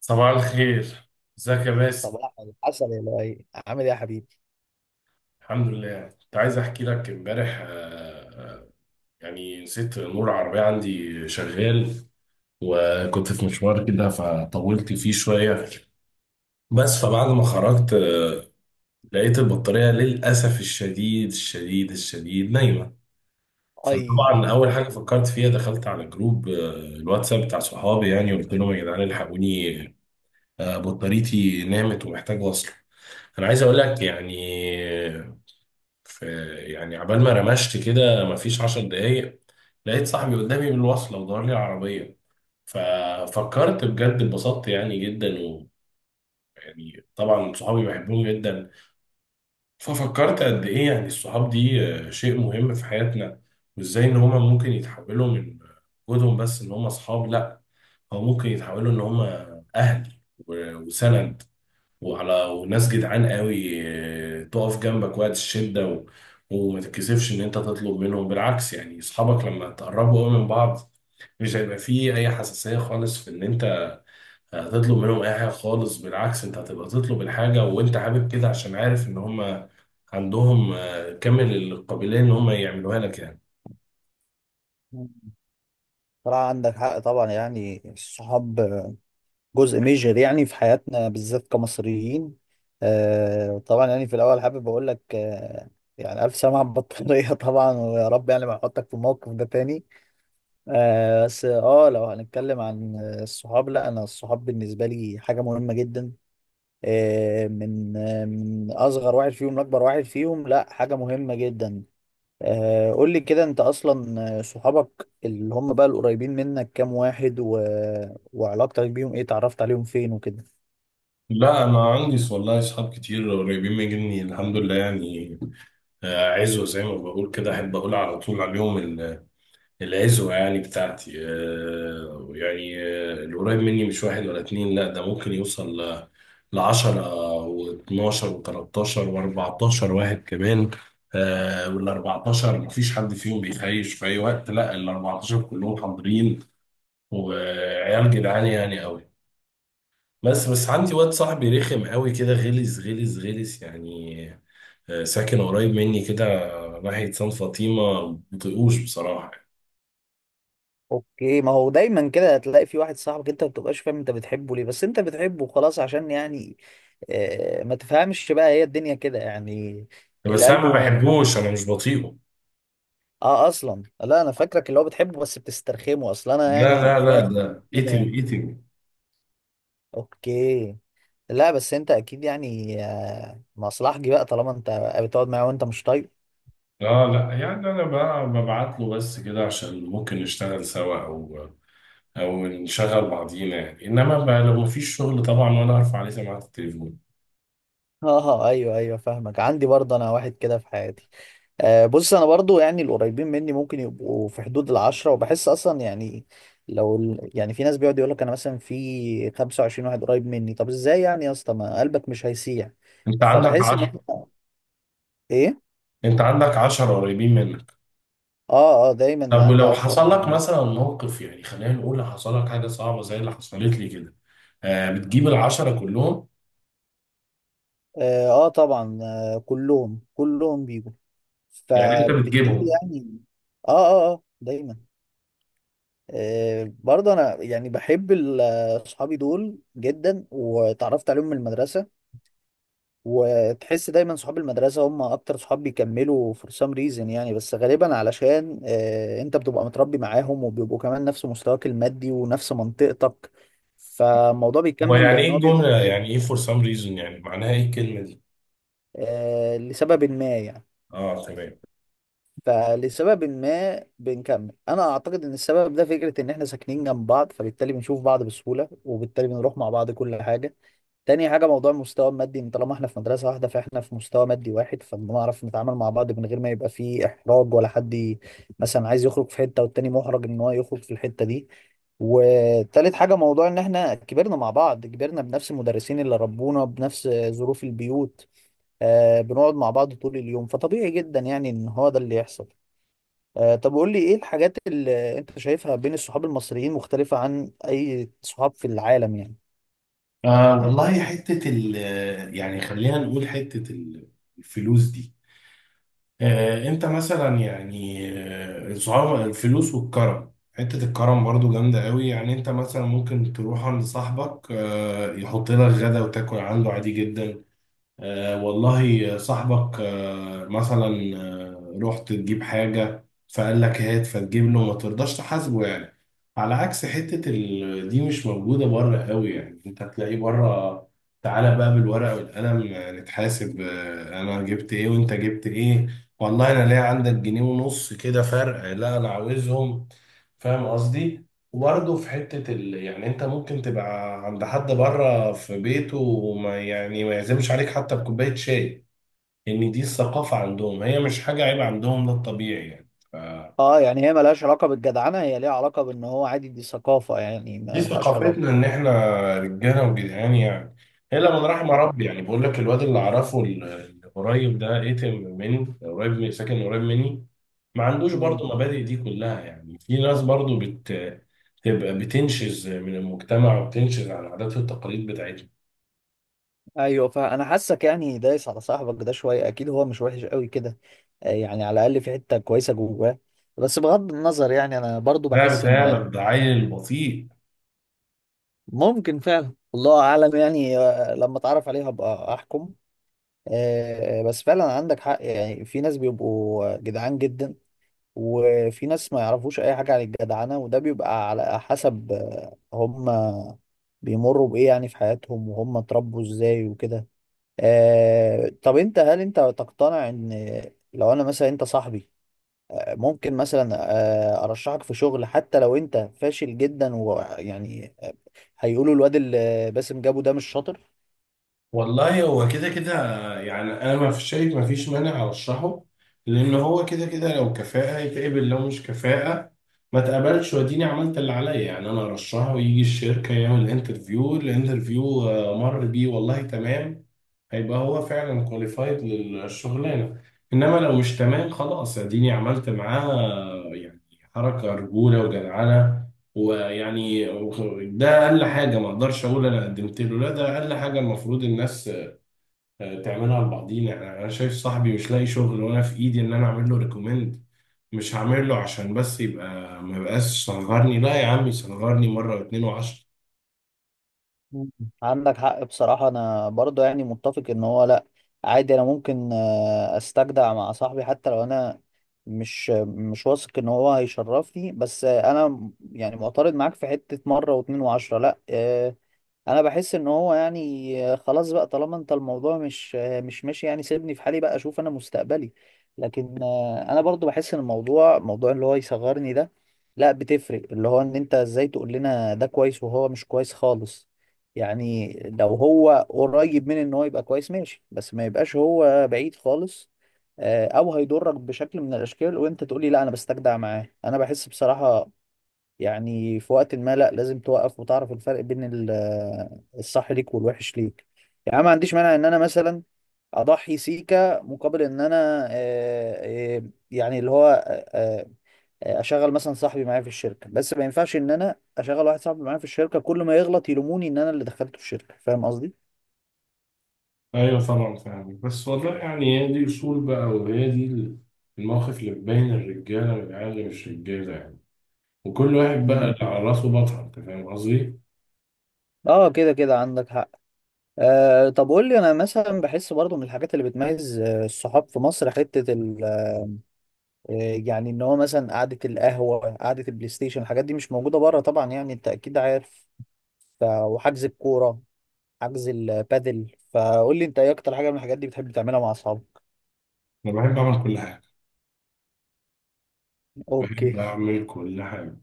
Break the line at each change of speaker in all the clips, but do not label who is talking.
صباح الخير، ازيك يا باسم؟
صباح الحسن يا لؤي، عامل ايه يا حبيبي؟
الحمد لله. كنت عايز احكي لك امبارح، آه، يعني نسيت نور العربية عندي شغال، وكنت في مشوار كده فطولت فيه شوية. بس فبعد ما خرجت لقيت البطارية للأسف الشديد الشديد الشديد نايمة.
اي،
فطبعا أول حاجة
وحش.
فكرت فيها دخلت على جروب الواتساب بتاع صحابي يعني، وقلت لهم يا جدعان الحقوني، بطاريتي نامت ومحتاج وصل. انا عايز اقول لك يعني، في، يعني عبال ما رمشت كده مفيش 10 دقايق لقيت صاحبي قدامي بالوصلة ودور لي العربية. ففكرت بجد اتبسطت يعني جدا، ويعني طبعا صحابي بحبهم جدا. ففكرت قد ايه يعني الصحاب دي شيء مهم في حياتنا، وازاي ان هما ممكن يتحولوا من وجودهم بس ان هما صحاب، لا، هو ممكن يتحولوا ان هما اهل وسند، وعلى وناس جدعان قوي، تقف جنبك وقت الشدة وما تتكسفش ان انت تطلب منهم. بالعكس، يعني اصحابك لما تقربوا قوي من بعض مش هيبقى فيه اي حساسية خالص في ان انت هتطلب منهم اي حاجة خالص. بالعكس، انت هتبقى تطلب الحاجة وانت حابب كده، عشان عارف ان هم عندهم كامل القابلية ان هم يعملوها لك يعني.
صراحة عندك حق طبعا، يعني الصحاب جزء ميجر يعني في حياتنا بالذات كمصريين. آه طبعا، يعني في الاول حابب اقول لك الف سلامة على البطارية طبعا، ويا رب يعني ما احطك في الموقف ده تاني. آه بس اه لو هنتكلم عن الصحاب، لا انا الصحاب بالنسبة لي حاجة مهمة جدا، من اصغر واحد فيهم لاكبر واحد فيهم، لا حاجة مهمة جدا. قول لي كده انت اصلا، صحابك اللي هم بقى القريبين منك كام واحد و... وعلاقتك بيهم ايه؟ اتعرفت عليهم فين وكده؟
لا، انا عندي والله اصحاب كتير قريبين مني الحمد لله يعني. عزوة زي ما بقول كده، احب اقول على طول عليهم العزوة. يعني بتاعتي القريب مني مش واحد ولا اتنين، لا ده ممكن يوصل ل10 و12 و13 و14 واحد كمان. وال14 مفيش حد فيهم بيخيش في أي وقت، لا ال14 كلهم حاضرين، وعيال جدعان يعني قوي. بس، بس عندي واد صاحبي رخم قوي كده، غلس غلس غلس يعني. ساكن قريب مني كده، ناحية سان فاطمة. مبطيقوش بصراحة.
اوكي، ما هو دايما كده هتلاقي في واحد صاحبك انت ما بتبقاش فاهم انت بتحبه ليه، بس انت بتحبه خلاص عشان يعني، ما تفهمش بقى، هي الدنيا كده يعني. اللي
بس انا ما
قلبه ما،
بحبوش، انا مش بطيقه.
اه، اصلا لا انا فاكرك اللي هو بتحبه بس بتسترخمه، اصلا انا
لا
يعني
لا
في
لا،
واحد صاحبي
ده
كده
ايتيو
يعني.
ايتيو.
اوكي. لا بس انت اكيد يعني مصلحجي بقى، طالما انت بتقعد معاه وانت مش طايق.
اه لا، يعني انا بقى ببعت له بس كده عشان ممكن نشتغل سوا، او نشغل بعضينا يعني. انما بقى لو مفيش شغل طبعا، وانا ارفع عليه سماعه التليفون.
اه ايوه ايوه فاهمك، عندي برضه انا واحد كده في حياتي. آه بص، انا برضه يعني القريبين مني ممكن يبقوا في حدود العشرة، وبحس اصلا يعني لو ال- يعني في ناس بيقعد يقول لك انا مثلا في 25 واحد قريب مني، طب ازاي يعني يا اسطى ما قلبك مش هيسيح؟
انت عندك
فبحس ان
10،
هم، ايه؟
انت عندك 10 قريبين منك؟
اه اه، دايما
طب
عندي
ولو
10.
حصل لك مثلا موقف، يعني خلينا نقول حصل لك حاجه صعبه زي اللي حصلت لي كده، آه بتجيب ال10 كلهم؟
اه, آه طبعا آه، كلهم بيجوا،
يعني انت
فبالتالي
بتجيبهم.
يعني. اه اه اه دايما. برضه انا يعني بحب ال- اصحابي دول جدا، وتعرفت عليهم من المدرسه. وتحس دايما صحاب المدرسه هم اكتر صحاب بيكملوا for some reason يعني. بس غالبا علشان انت بتبقى متربي معاهم، وبيبقوا كمان نفس مستواك المادي ونفس منطقتك، فالموضوع بيكمل
ويعني ايه
لان هو بيبقى
الجمله؟ يعني ايه for some reason؟ يعني معناها ايه الكلمه دي؟
لسبب ما يعني.
اه تمام.
فلسبب ما بنكمل، انا اعتقد ان السبب ده فكرة ان احنا ساكنين جنب بعض، فبالتالي بنشوف بعض بسهولة، وبالتالي بنروح مع بعض كل حاجة. تاني حاجة موضوع المستوى المادي، ان طالما احنا في مدرسة واحدة فاحنا في مستوى مادي واحد، فبنعرف نتعامل مع بعض من غير ما يبقى فيه احراج، ولا حد ي- مثلا عايز يخرج في حتة والتاني محرج ان هو يخرج في الحتة دي. وتالت حاجة موضوع ان احنا كبرنا مع بعض، كبرنا بنفس المدرسين اللي ربونا بنفس ظروف البيوت. آه بنقعد مع بعض طول اليوم، فطبيعي جدا يعني ان هو ده اللي يحصل. طب قول لي ايه الحاجات اللي انت شايفها بين الصحاب المصريين مختلفة عن اي صحاب في العالم يعني؟
آه والله حتة ال يعني خلينا نقول الفلوس دي. آه انت مثلا يعني، الفلوس والكرم، حتة الكرم برضو جامدة قوي. يعني انت مثلا ممكن تروح عند صاحبك آه يحط لك غدا وتاكل عنده عادي جدا. آه والله صاحبك آه مثلا آه رحت تجيب حاجة فقال لك هات، فتجيب له ما ترضاش تحاسبه يعني. على عكس دي مش موجودة بره قوي يعني. انت تلاقي بره تعالى بقى بالورقة والقلم، نتحاسب، آه انا جبت ايه وانت جبت ايه، والله انا ليه عندك جنيه ونص كده فرق؟ لا انا عاوزهم، فاهم قصدي؟ وبرضه في يعني انت ممكن تبقى عند حد بره في بيته وما يعني ما يعزمش عليك حتى بكوباية شاي. ان دي الثقافة عندهم، هي مش حاجة عيب عندهم، ده الطبيعي يعني.
اه يعني هي ملهاش علاقة بالجدعنة، هي ليها علاقة بان هو عادي، دي ثقافة يعني،
دي
ملهاش علاقة.
ثقافتنا ان احنا رجاله وجدعان يعني. الا من رحم
اه.
ربي، يعني بقول لك الواد اللي اعرفه اللي قريب ده، ايتم مني، قريب، من ساكن قريب مني، ما عندوش
امم.
برضه مبادئ دي كلها. يعني في ناس برضه تبقى بتنشز من المجتمع، وبتنشز عن العادات والتقاليد بتاعتهم.
ايوه، فانا حاسك يعني دايس على صاحبك ده شوية، اكيد هو مش وحش قوي كده، يعني على الاقل في حتة كويسة جواه. بس بغض النظر، يعني انا برضو
لا
بحس ان،
بتهيألك، ده عيل بطيء.
ممكن فعلا، الله اعلم يعني، لما اتعرف عليه هبقى احكم. بس فعلا عندك حق، يعني في ناس بيبقوا جدعان جدا، وفي ناس ما يعرفوش اي حاجة عن الجدعنة، وده بيبقى على حسب هم بيمروا بايه يعني في حياتهم، وهم اتربوا ازاي وكده. طب انت هل انت تقتنع ان لو انا مثلا انت صاحبي، آه، ممكن مثلا آه، ارشحك في شغل حتى لو انت فاشل جدا ويعني هيقولوا الواد اللي باسم جابه ده مش شاطر؟
والله هو كده كده، يعني انا ما فيش مانع ارشحه، لان هو كده كده، لو كفاءة يتقبل، لو مش كفاءة ما تقبلش، واديني عملت اللي عليا. يعني انا ارشحه ويجي الشركة يعمل انترفيو، الانترفيو مر بيه، والله تمام، هيبقى هو فعلا كواليفايد للشغلانة. انما لو مش تمام، خلاص اديني عملت معاه يعني حركة رجولة وجدعنة. ويعني ده اقل حاجه، ما اقدرش اقول انا قدمت له، لا ده اقل حاجه المفروض الناس تعملها لبعضينا. يعني انا شايف صاحبي مش لاقي شغل، وانا في ايدي ان انا اعمل له ريكومند، مش هعمل له عشان بس يبقى ما يبقاش صغرني؟ لا يا عم صغرني مره واتنين و10.
مم. عندك حق بصراحة، أنا برضه يعني متفق إن هو لأ، عادي، أنا ممكن أستجدع مع صاحبي حتى لو أنا مش واثق إن هو هيشرفني. بس أنا م- يعني معترض معاك في حتة مرة واتنين وعشرة لأ، انا بحس ان هو يعني خلاص بقى، طالما انت الموضوع مش ماشي يعني، سيبني في حالي بقى اشوف انا مستقبلي. لكن انا برضو بحس ان الموضوع، موضوع اللي هو يصغرني ده، لا بتفرق، اللي هو ان انت ازاي تقول لنا ده كويس وهو مش كويس خالص يعني؟ لو هو قريب من ان هو يبقى كويس ماشي، بس ما يبقاش هو بعيد خالص، او هيضرك بشكل من الاشكال وانت تقولي لا انا بستجدع معاه. انا بحس بصراحة يعني في وقت ما لا، لازم توقف وتعرف الفرق بين ال- الصح ليك والوحش ليك. يعني أنا ما عنديش مانع ان انا مثلا اضحي سيكا مقابل ان انا آه، آه، يعني اللي هو آه، آه، اشغل مثلا صاحبي معايا في الشركه. بس ما ينفعش ان انا اشغل واحد صاحبي معايا في الشركه كل ما يغلط يلوموني ان انا اللي دخلته الشركه، فاهم قصدي؟
ايوه طبعا فاهم، بس والله يعني هي دي اصول بقى، وهي دي المواقف اللي بتبين الرجاله من العيال اللي مش رجاله يعني. وكل واحد بقى
مم.
على راسه بطل، انت فاهم قصدي؟
اه كده كده عندك حق. آه طب قول لي، انا مثلا بحس برضو من الحاجات اللي بتميز الصحاب في مصر حته، آه، يعني ان هو مثلا قعده القهوه، قعده البلاي ستيشن، الحاجات دي مش موجوده بره طبعا يعني، انت اكيد عارف. ف... وحجز الكوره، حجز البادل، فقول لي انت ايه اكتر حاجه من الحاجات دي بتحب تعملها مع اصحابك؟
انا بحب اعمل كل حاجه، بحب
اوكي.
اعمل كل حاجه.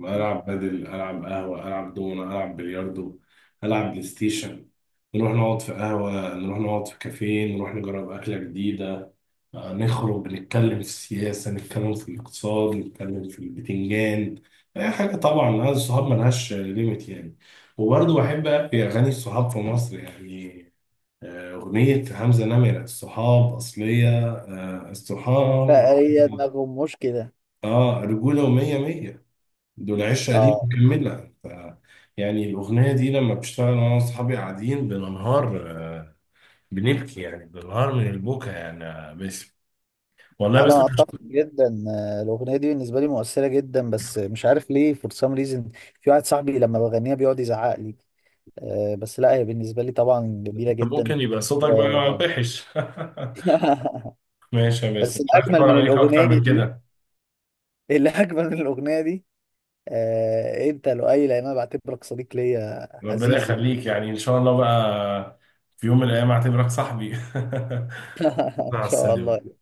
العب بدل، العب قهوه، العب دومنه، العب بلياردو، العب بلاي ستيشن. نروح نقعد في قهوه، نروح نقعد في كافيه، نروح نجرب اكله جديده، نخرج، نتكلم في السياسه، نتكلم في الاقتصاد، نتكلم في البتنجان، اي حاجه. طبعا انا الصحاب ملهاش ليميت يعني. وبرضه بحب في اغاني الصحاب في مصر يعني، اغنيه حمزه نمره الصحاب اصليه. الصحاب،
فهي دماغهم مش كده.
اه رجوله ومية مية، دول 10 دي
اه
مكملة. ف يعني الأغنية دي لما بشتغل أنا وأصحابي قاعدين بننهار، بنبكي يعني، بننهار من البكا يعني يا باسم والله. بس
انا اتفق جدا، الاغنيه دي بالنسبه لي مؤثره جدا، بس مش عارف ليه، فور سام ريزن في واحد صاحبي لما بغنيها بيقعد يزعق لي. بس لا، هي بالنسبه لي طبعا جميله جدا.
ممكن يبقى صوتك بقى
و-
وحش. ماشي يا باسم،
بس
مش عايز
الاجمل
أكبر
من
عليك أكتر
الاغنيه،
من كده.
اللي أجمل من الأغنية دي، آه، أنت لؤي، لأن أنا بعتبرك صديق ليا
ربنا
عزيز يعني.
يخليك، يعني إن شاء الله بقى في يوم من الأيام أعتبرك صاحبي.
إن
مع
شاء
السلامة.
الله.